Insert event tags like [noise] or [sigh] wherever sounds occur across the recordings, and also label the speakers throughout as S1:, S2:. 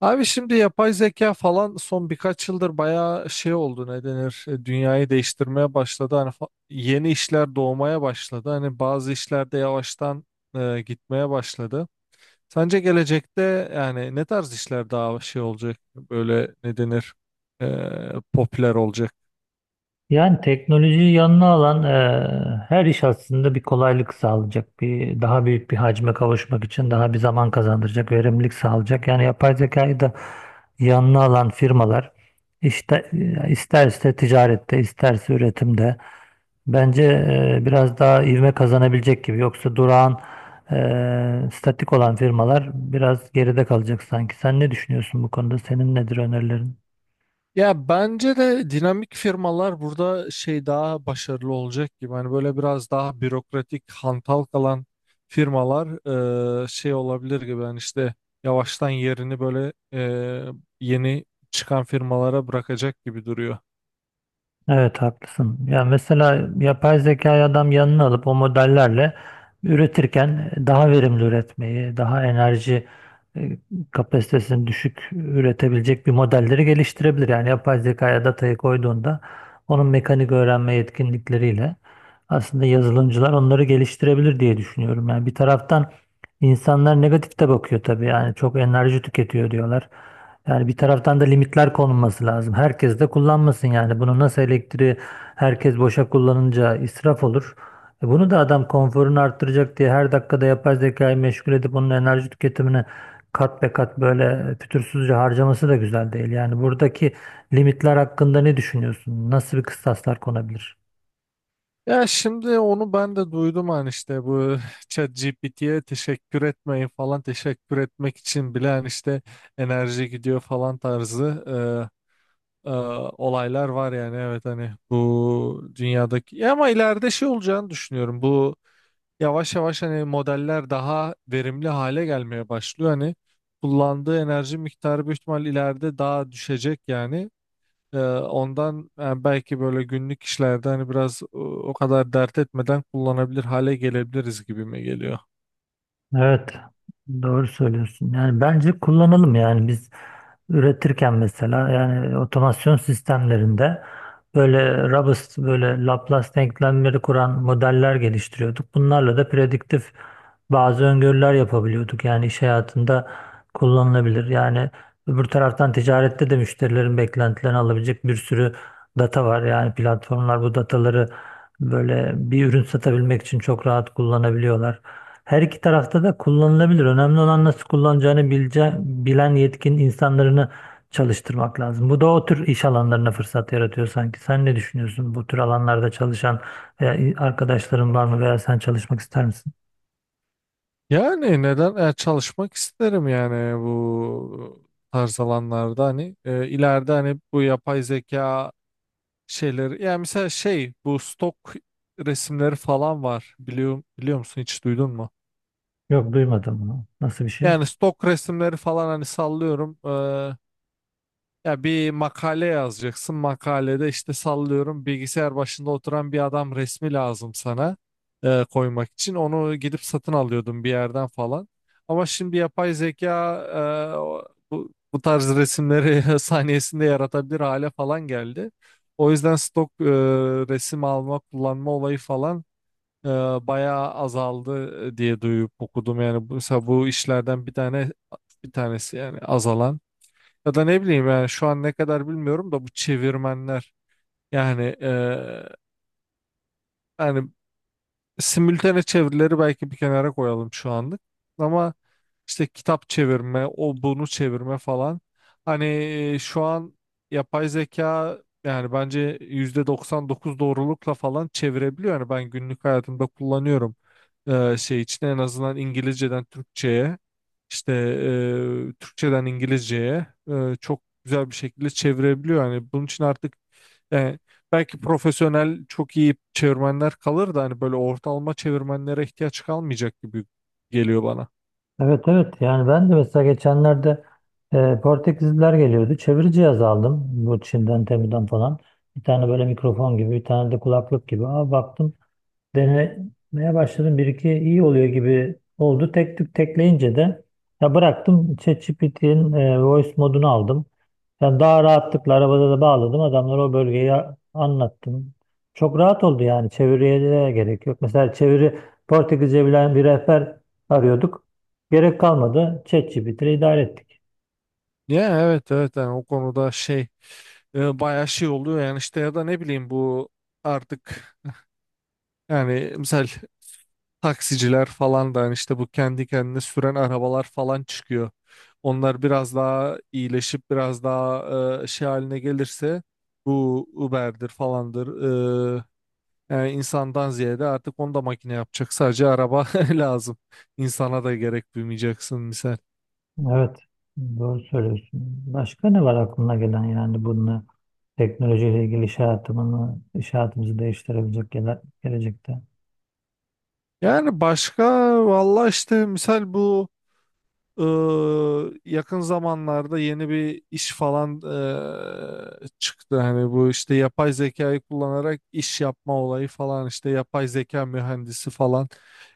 S1: Abi şimdi yapay zeka falan son birkaç yıldır bayağı şey oldu, ne denir, dünyayı değiştirmeye başladı. Hani yeni işler doğmaya başladı. Hani bazı işlerde yavaştan gitmeye başladı. Sence gelecekte yani ne tarz işler daha şey olacak, böyle ne denir, popüler olacak?
S2: Yani teknolojiyi yanına alan her iş aslında bir kolaylık sağlayacak. Bir daha büyük bir hacme kavuşmak için daha bir zaman kazandıracak, verimlilik sağlayacak. Yani yapay zekayı da yanına alan firmalar işte isterse ticarette, isterse üretimde bence biraz daha ivme kazanabilecek gibi. Yoksa durağan, statik olan firmalar biraz geride kalacak sanki. Sen ne düşünüyorsun bu konuda? Senin nedir önerilerin?
S1: Ya bence de dinamik firmalar burada şey daha başarılı olacak gibi. Hani böyle biraz daha bürokratik, hantal kalan firmalar şey olabilir gibi. Yani işte yavaştan yerini böyle yeni çıkan firmalara bırakacak gibi duruyor.
S2: Evet haklısın. Ya mesela yapay zekayı adam yanına alıp o modellerle üretirken daha verimli üretmeyi, daha enerji e, kapasitesini düşük üretebilecek bir modelleri geliştirebilir. Yani yapay zekaya datayı koyduğunda onun mekanik öğrenme yetkinlikleriyle aslında yazılımcılar onları geliştirebilir diye düşünüyorum. Yani bir taraftan insanlar negatif de bakıyor tabii. Yani çok enerji tüketiyor diyorlar. Yani bir taraftan da limitler konulması lazım. Herkes de kullanmasın yani. Bunu nasıl elektriği herkes boşa kullanınca israf olur. E bunu da adam konforunu arttıracak diye her dakikada yapay zekayı meşgul edip onun enerji tüketimini kat be kat böyle fütursuzca harcaması da güzel değil. Yani buradaki limitler hakkında ne düşünüyorsun? Nasıl bir kıstaslar konabilir?
S1: Ya şimdi onu ben de duydum, hani işte bu [laughs] ChatGPT'ye teşekkür etmeyin falan, teşekkür etmek için bile hani işte enerji gidiyor falan tarzı e, olaylar var yani. Evet, hani bu dünyadaki. Ya ama ileride şey olacağını düşünüyorum, bu yavaş yavaş hani modeller daha verimli hale gelmeye başlıyor, hani kullandığı enerji miktarı büyük ihtimal ileride daha düşecek yani. Ondan yani belki böyle günlük işlerde hani biraz, o kadar dert etmeden kullanabilir hale gelebiliriz gibime geliyor.
S2: Evet, doğru söylüyorsun. Yani bence kullanalım yani biz üretirken mesela yani otomasyon sistemlerinde böyle robust böyle Laplace denklemleri kuran modeller geliştiriyorduk. Bunlarla da prediktif bazı öngörüler yapabiliyorduk. Yani iş hayatında kullanılabilir. Yani öbür taraftan ticarette de müşterilerin beklentilerini alabilecek bir sürü data var. Yani platformlar bu dataları böyle bir ürün satabilmek için çok rahat kullanabiliyorlar. Her iki tarafta da kullanılabilir. Önemli olan nasıl kullanacağını bilen yetkin insanlarını çalıştırmak lazım. Bu da o tür iş alanlarına fırsat yaratıyor sanki. Sen ne düşünüyorsun? Bu tür alanlarda çalışan veya arkadaşların var mı veya sen çalışmak ister misin?
S1: Yani neden çalışmak isterim yani, bu tarz alanlarda hani, ileride hani bu yapay zeka şeyleri. Yani mesela şey, bu stok resimleri falan var, biliyor musun, hiç duydun mu?
S2: Yok duymadım bunu. Nasıl bir şey?
S1: Yani stok resimleri falan, hani sallıyorum. Ya bir makale yazacaksın. Makalede işte sallıyorum bilgisayar başında oturan bir adam resmi lazım sana koymak için. Onu gidip satın alıyordum bir yerden falan. Ama şimdi yapay zeka bu tarz resimleri [laughs] saniyesinde yaratabilir hale falan geldi. O yüzden stok resim alma, kullanma olayı falan e, bayağı azaldı, diye duyup okudum. Yani mesela bu işlerden bir tane, bir tanesi yani azalan. Ya da ne bileyim, yani şu an ne kadar bilmiyorum da bu çevirmenler yani, hani simültane çevirileri belki bir kenara koyalım şu anlık. Ama işte kitap çevirme, o bunu çevirme falan. Hani şu an yapay zeka yani bence %99 doğrulukla falan çevirebiliyor. Yani ben günlük hayatımda kullanıyorum şey için, en azından İngilizceden Türkçe'ye, işte Türkçeden İngilizceye çok güzel bir şekilde çevirebiliyor. Yani bunun için artık, e, belki profesyonel çok iyi çevirmenler kalır da hani böyle ortalama çevirmenlere ihtiyaç kalmayacak gibi geliyor bana.
S2: Evet evet yani ben de mesela geçenlerde Portekizliler geliyordu. Çeviri cihazı aldım bu Çin'den Temu'dan falan. Bir tane böyle mikrofon gibi bir tane de kulaklık gibi. Aa, baktım denemeye başladım. Bir iki iyi oluyor gibi oldu. Tek tük tekleyince de ya bıraktım. ChatGPT'nin voice modunu aldım. Yani daha rahatlıkla arabada da bağladım. Adamlara o bölgeyi anlattım. Çok rahat oldu yani. Çeviriye de gerek yok. Mesela çeviri Portekizce bilen bir rehber arıyorduk. Gerek kalmadı. ChatGPT ile idare ettik.
S1: Ya evet, evet, yani o konuda şey, bayağı şey oluyor yani işte. Ya da ne bileyim, bu artık yani misal taksiciler falan da, hani işte bu kendi kendine süren arabalar falan çıkıyor. Onlar biraz daha iyileşip biraz daha şey haline gelirse bu Uber'dir falandır, e, yani insandan ziyade artık onu da makine yapacak. Sadece araba [laughs] lazım. İnsana da gerek duymayacaksın misal.
S2: Evet, doğru söylüyorsun. Başka ne var aklına gelen yani bunu teknolojiyle ilgili iş hayatımını, iş hayatımızı değiştirebilecek gelecekte?
S1: Yani başka, valla işte misal bu yakın zamanlarda yeni bir iş falan çıktı. Hani bu işte yapay zekayı kullanarak iş yapma olayı falan, işte yapay zeka mühendisi falan.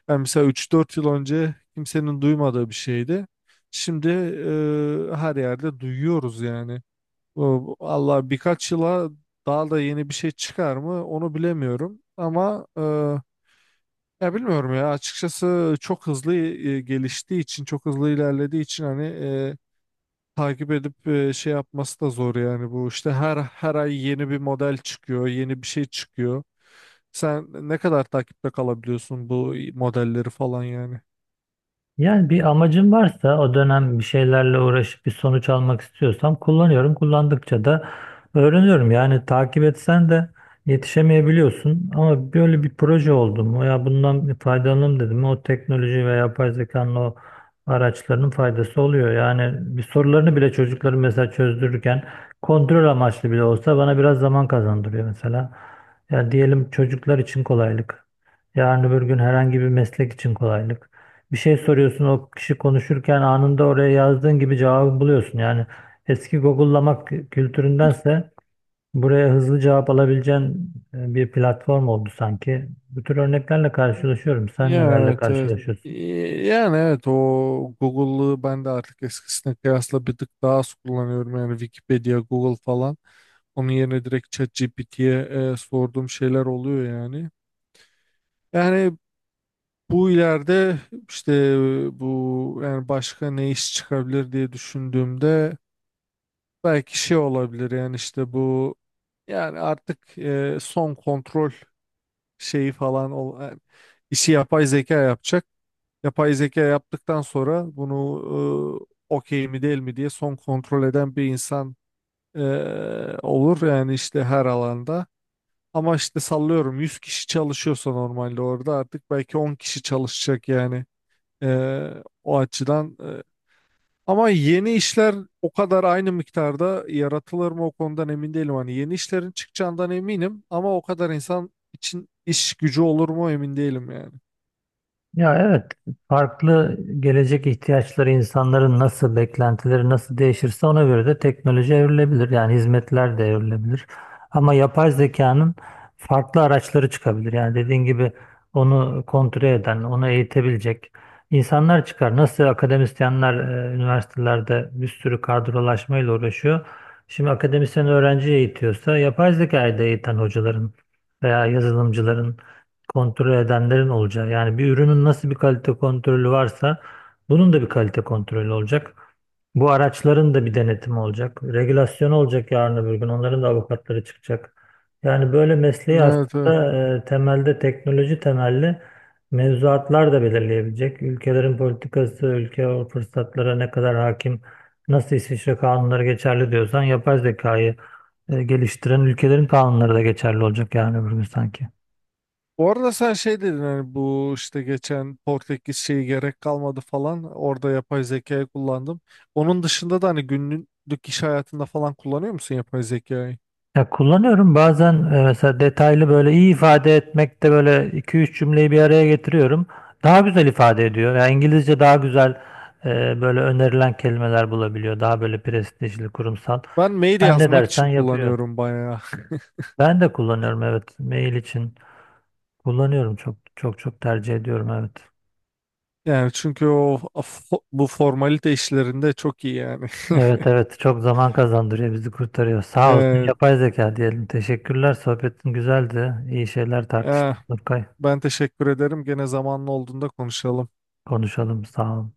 S1: Yani mesela üç dört yıl önce kimsenin duymadığı bir şeydi. Şimdi her yerde duyuyoruz yani. Allah birkaç yıla daha da yeni bir şey çıkar mı onu bilemiyorum ama, ya bilmiyorum, ya açıkçası çok hızlı geliştiği için, çok hızlı ilerlediği için hani, takip edip şey yapması da zor yani. Bu işte her ay yeni bir model çıkıyor, yeni bir şey çıkıyor, sen ne kadar takipte kalabiliyorsun bu modelleri falan yani.
S2: Yani bir amacım varsa o dönem bir şeylerle uğraşıp bir sonuç almak istiyorsam kullanıyorum. Kullandıkça da öğreniyorum. Yani takip etsen de yetişemeyebiliyorsun. Ama böyle bir proje oldu mu ya bundan bir faydalanalım dedim. O teknoloji ve yapay zekanın o araçlarının faydası oluyor. Yani bir sorularını bile çocukların mesela çözdürürken kontrol amaçlı bile olsa bana biraz zaman kazandırıyor mesela. Ya diyelim çocuklar için kolaylık. Yarın öbür gün herhangi bir meslek için kolaylık bir şey soruyorsun o kişi konuşurken anında oraya yazdığın gibi cevabı buluyorsun. Yani eski Google'lamak kültüründense buraya hızlı cevap alabileceğin bir platform oldu sanki. Bu tür örneklerle karşılaşıyorum. Sen
S1: Ya
S2: nelerle Evet.
S1: evet, evet. Ee,
S2: karşılaşıyorsun?
S1: Yani evet, o Google'lığı ben de artık eskisine kıyasla bir tık daha az kullanıyorum. Yani Wikipedia, Google falan. Onun yerine direkt ChatGPT'ye sorduğum şeyler oluyor yani. Yani bu ileride işte, bu yani başka ne iş çıkabilir diye düşündüğümde belki şey olabilir yani, işte bu yani artık son kontrol yani işi yapay zeka yapacak. Yapay zeka yaptıktan sonra bunu okey mi değil mi diye son kontrol eden bir insan e, olur yani, işte her alanda. Ama işte sallıyorum 100 kişi çalışıyorsa normalde, orada artık belki 10 kişi çalışacak yani. E, O açıdan. E. Ama yeni işler o kadar aynı miktarda yaratılır mı, o konudan emin değilim. Hani yeni işlerin çıkacağından eminim ama o kadar insan için iş gücü olur mu, emin değilim yani.
S2: Ya evet, farklı gelecek ihtiyaçları insanların nasıl, beklentileri nasıl değişirse ona göre de teknoloji evrilebilir. Yani hizmetler de evrilebilir. Ama yapay zekanın farklı araçları çıkabilir. Yani dediğin gibi onu kontrol eden, onu eğitebilecek insanlar çıkar. Nasıl akademisyenler üniversitelerde bir sürü kadrolaşmayla uğraşıyor. Şimdi akademisyen öğrenci eğitiyorsa yapay zekayı da eğiten hocaların veya yazılımcıların kontrol edenlerin olacağı. Yani bir ürünün nasıl bir kalite kontrolü varsa bunun da bir kalite kontrolü olacak. Bu araçların da bir denetimi olacak. Regülasyon olacak yarın öbür gün. Onların da avukatları çıkacak. Yani böyle mesleği
S1: Evet, evet.
S2: aslında temelde teknoloji temelli mevzuatlar da belirleyebilecek. Ülkelerin politikası, ülke o fırsatlara ne kadar hakim, nasıl İsviçre kanunları geçerli diyorsan yapay zekayı geliştiren ülkelerin kanunları da geçerli olacak yarın öbür gün sanki.
S1: Bu arada sen şey dedin, hani bu işte geçen Portekiz şeyi, gerek kalmadı falan, orada yapay zekayı kullandım. Onun dışında da hani günlük iş hayatında falan kullanıyor musun yapay zekayı?
S2: Ya kullanıyorum bazen mesela detaylı böyle iyi ifade etmekte böyle iki üç cümleyi bir araya getiriyorum. Daha güzel ifade ediyor. Yani İngilizce daha güzel böyle önerilen kelimeler bulabiliyor. Daha böyle prestijli, kurumsal.
S1: Ben mail
S2: Sen ne
S1: yazmak
S2: dersen
S1: için
S2: yapıyor.
S1: kullanıyorum bayağı. [laughs]
S2: Ben de kullanıyorum evet. Mail için kullanıyorum. Çok çok çok tercih ediyorum evet.
S1: Yani çünkü o bu formalite işlerinde çok iyi yani.
S2: Evet evet çok zaman kazandırıyor bizi kurtarıyor.
S1: [laughs]
S2: Sağ olsun
S1: Evet.
S2: yapay zeka diyelim. Teşekkürler sohbetin güzeldi. İyi şeyler
S1: Eh,
S2: tartıştık Nurkay.
S1: Ben teşekkür ederim. Gene zamanlı olduğunda konuşalım.
S2: Konuşalım sağ ol.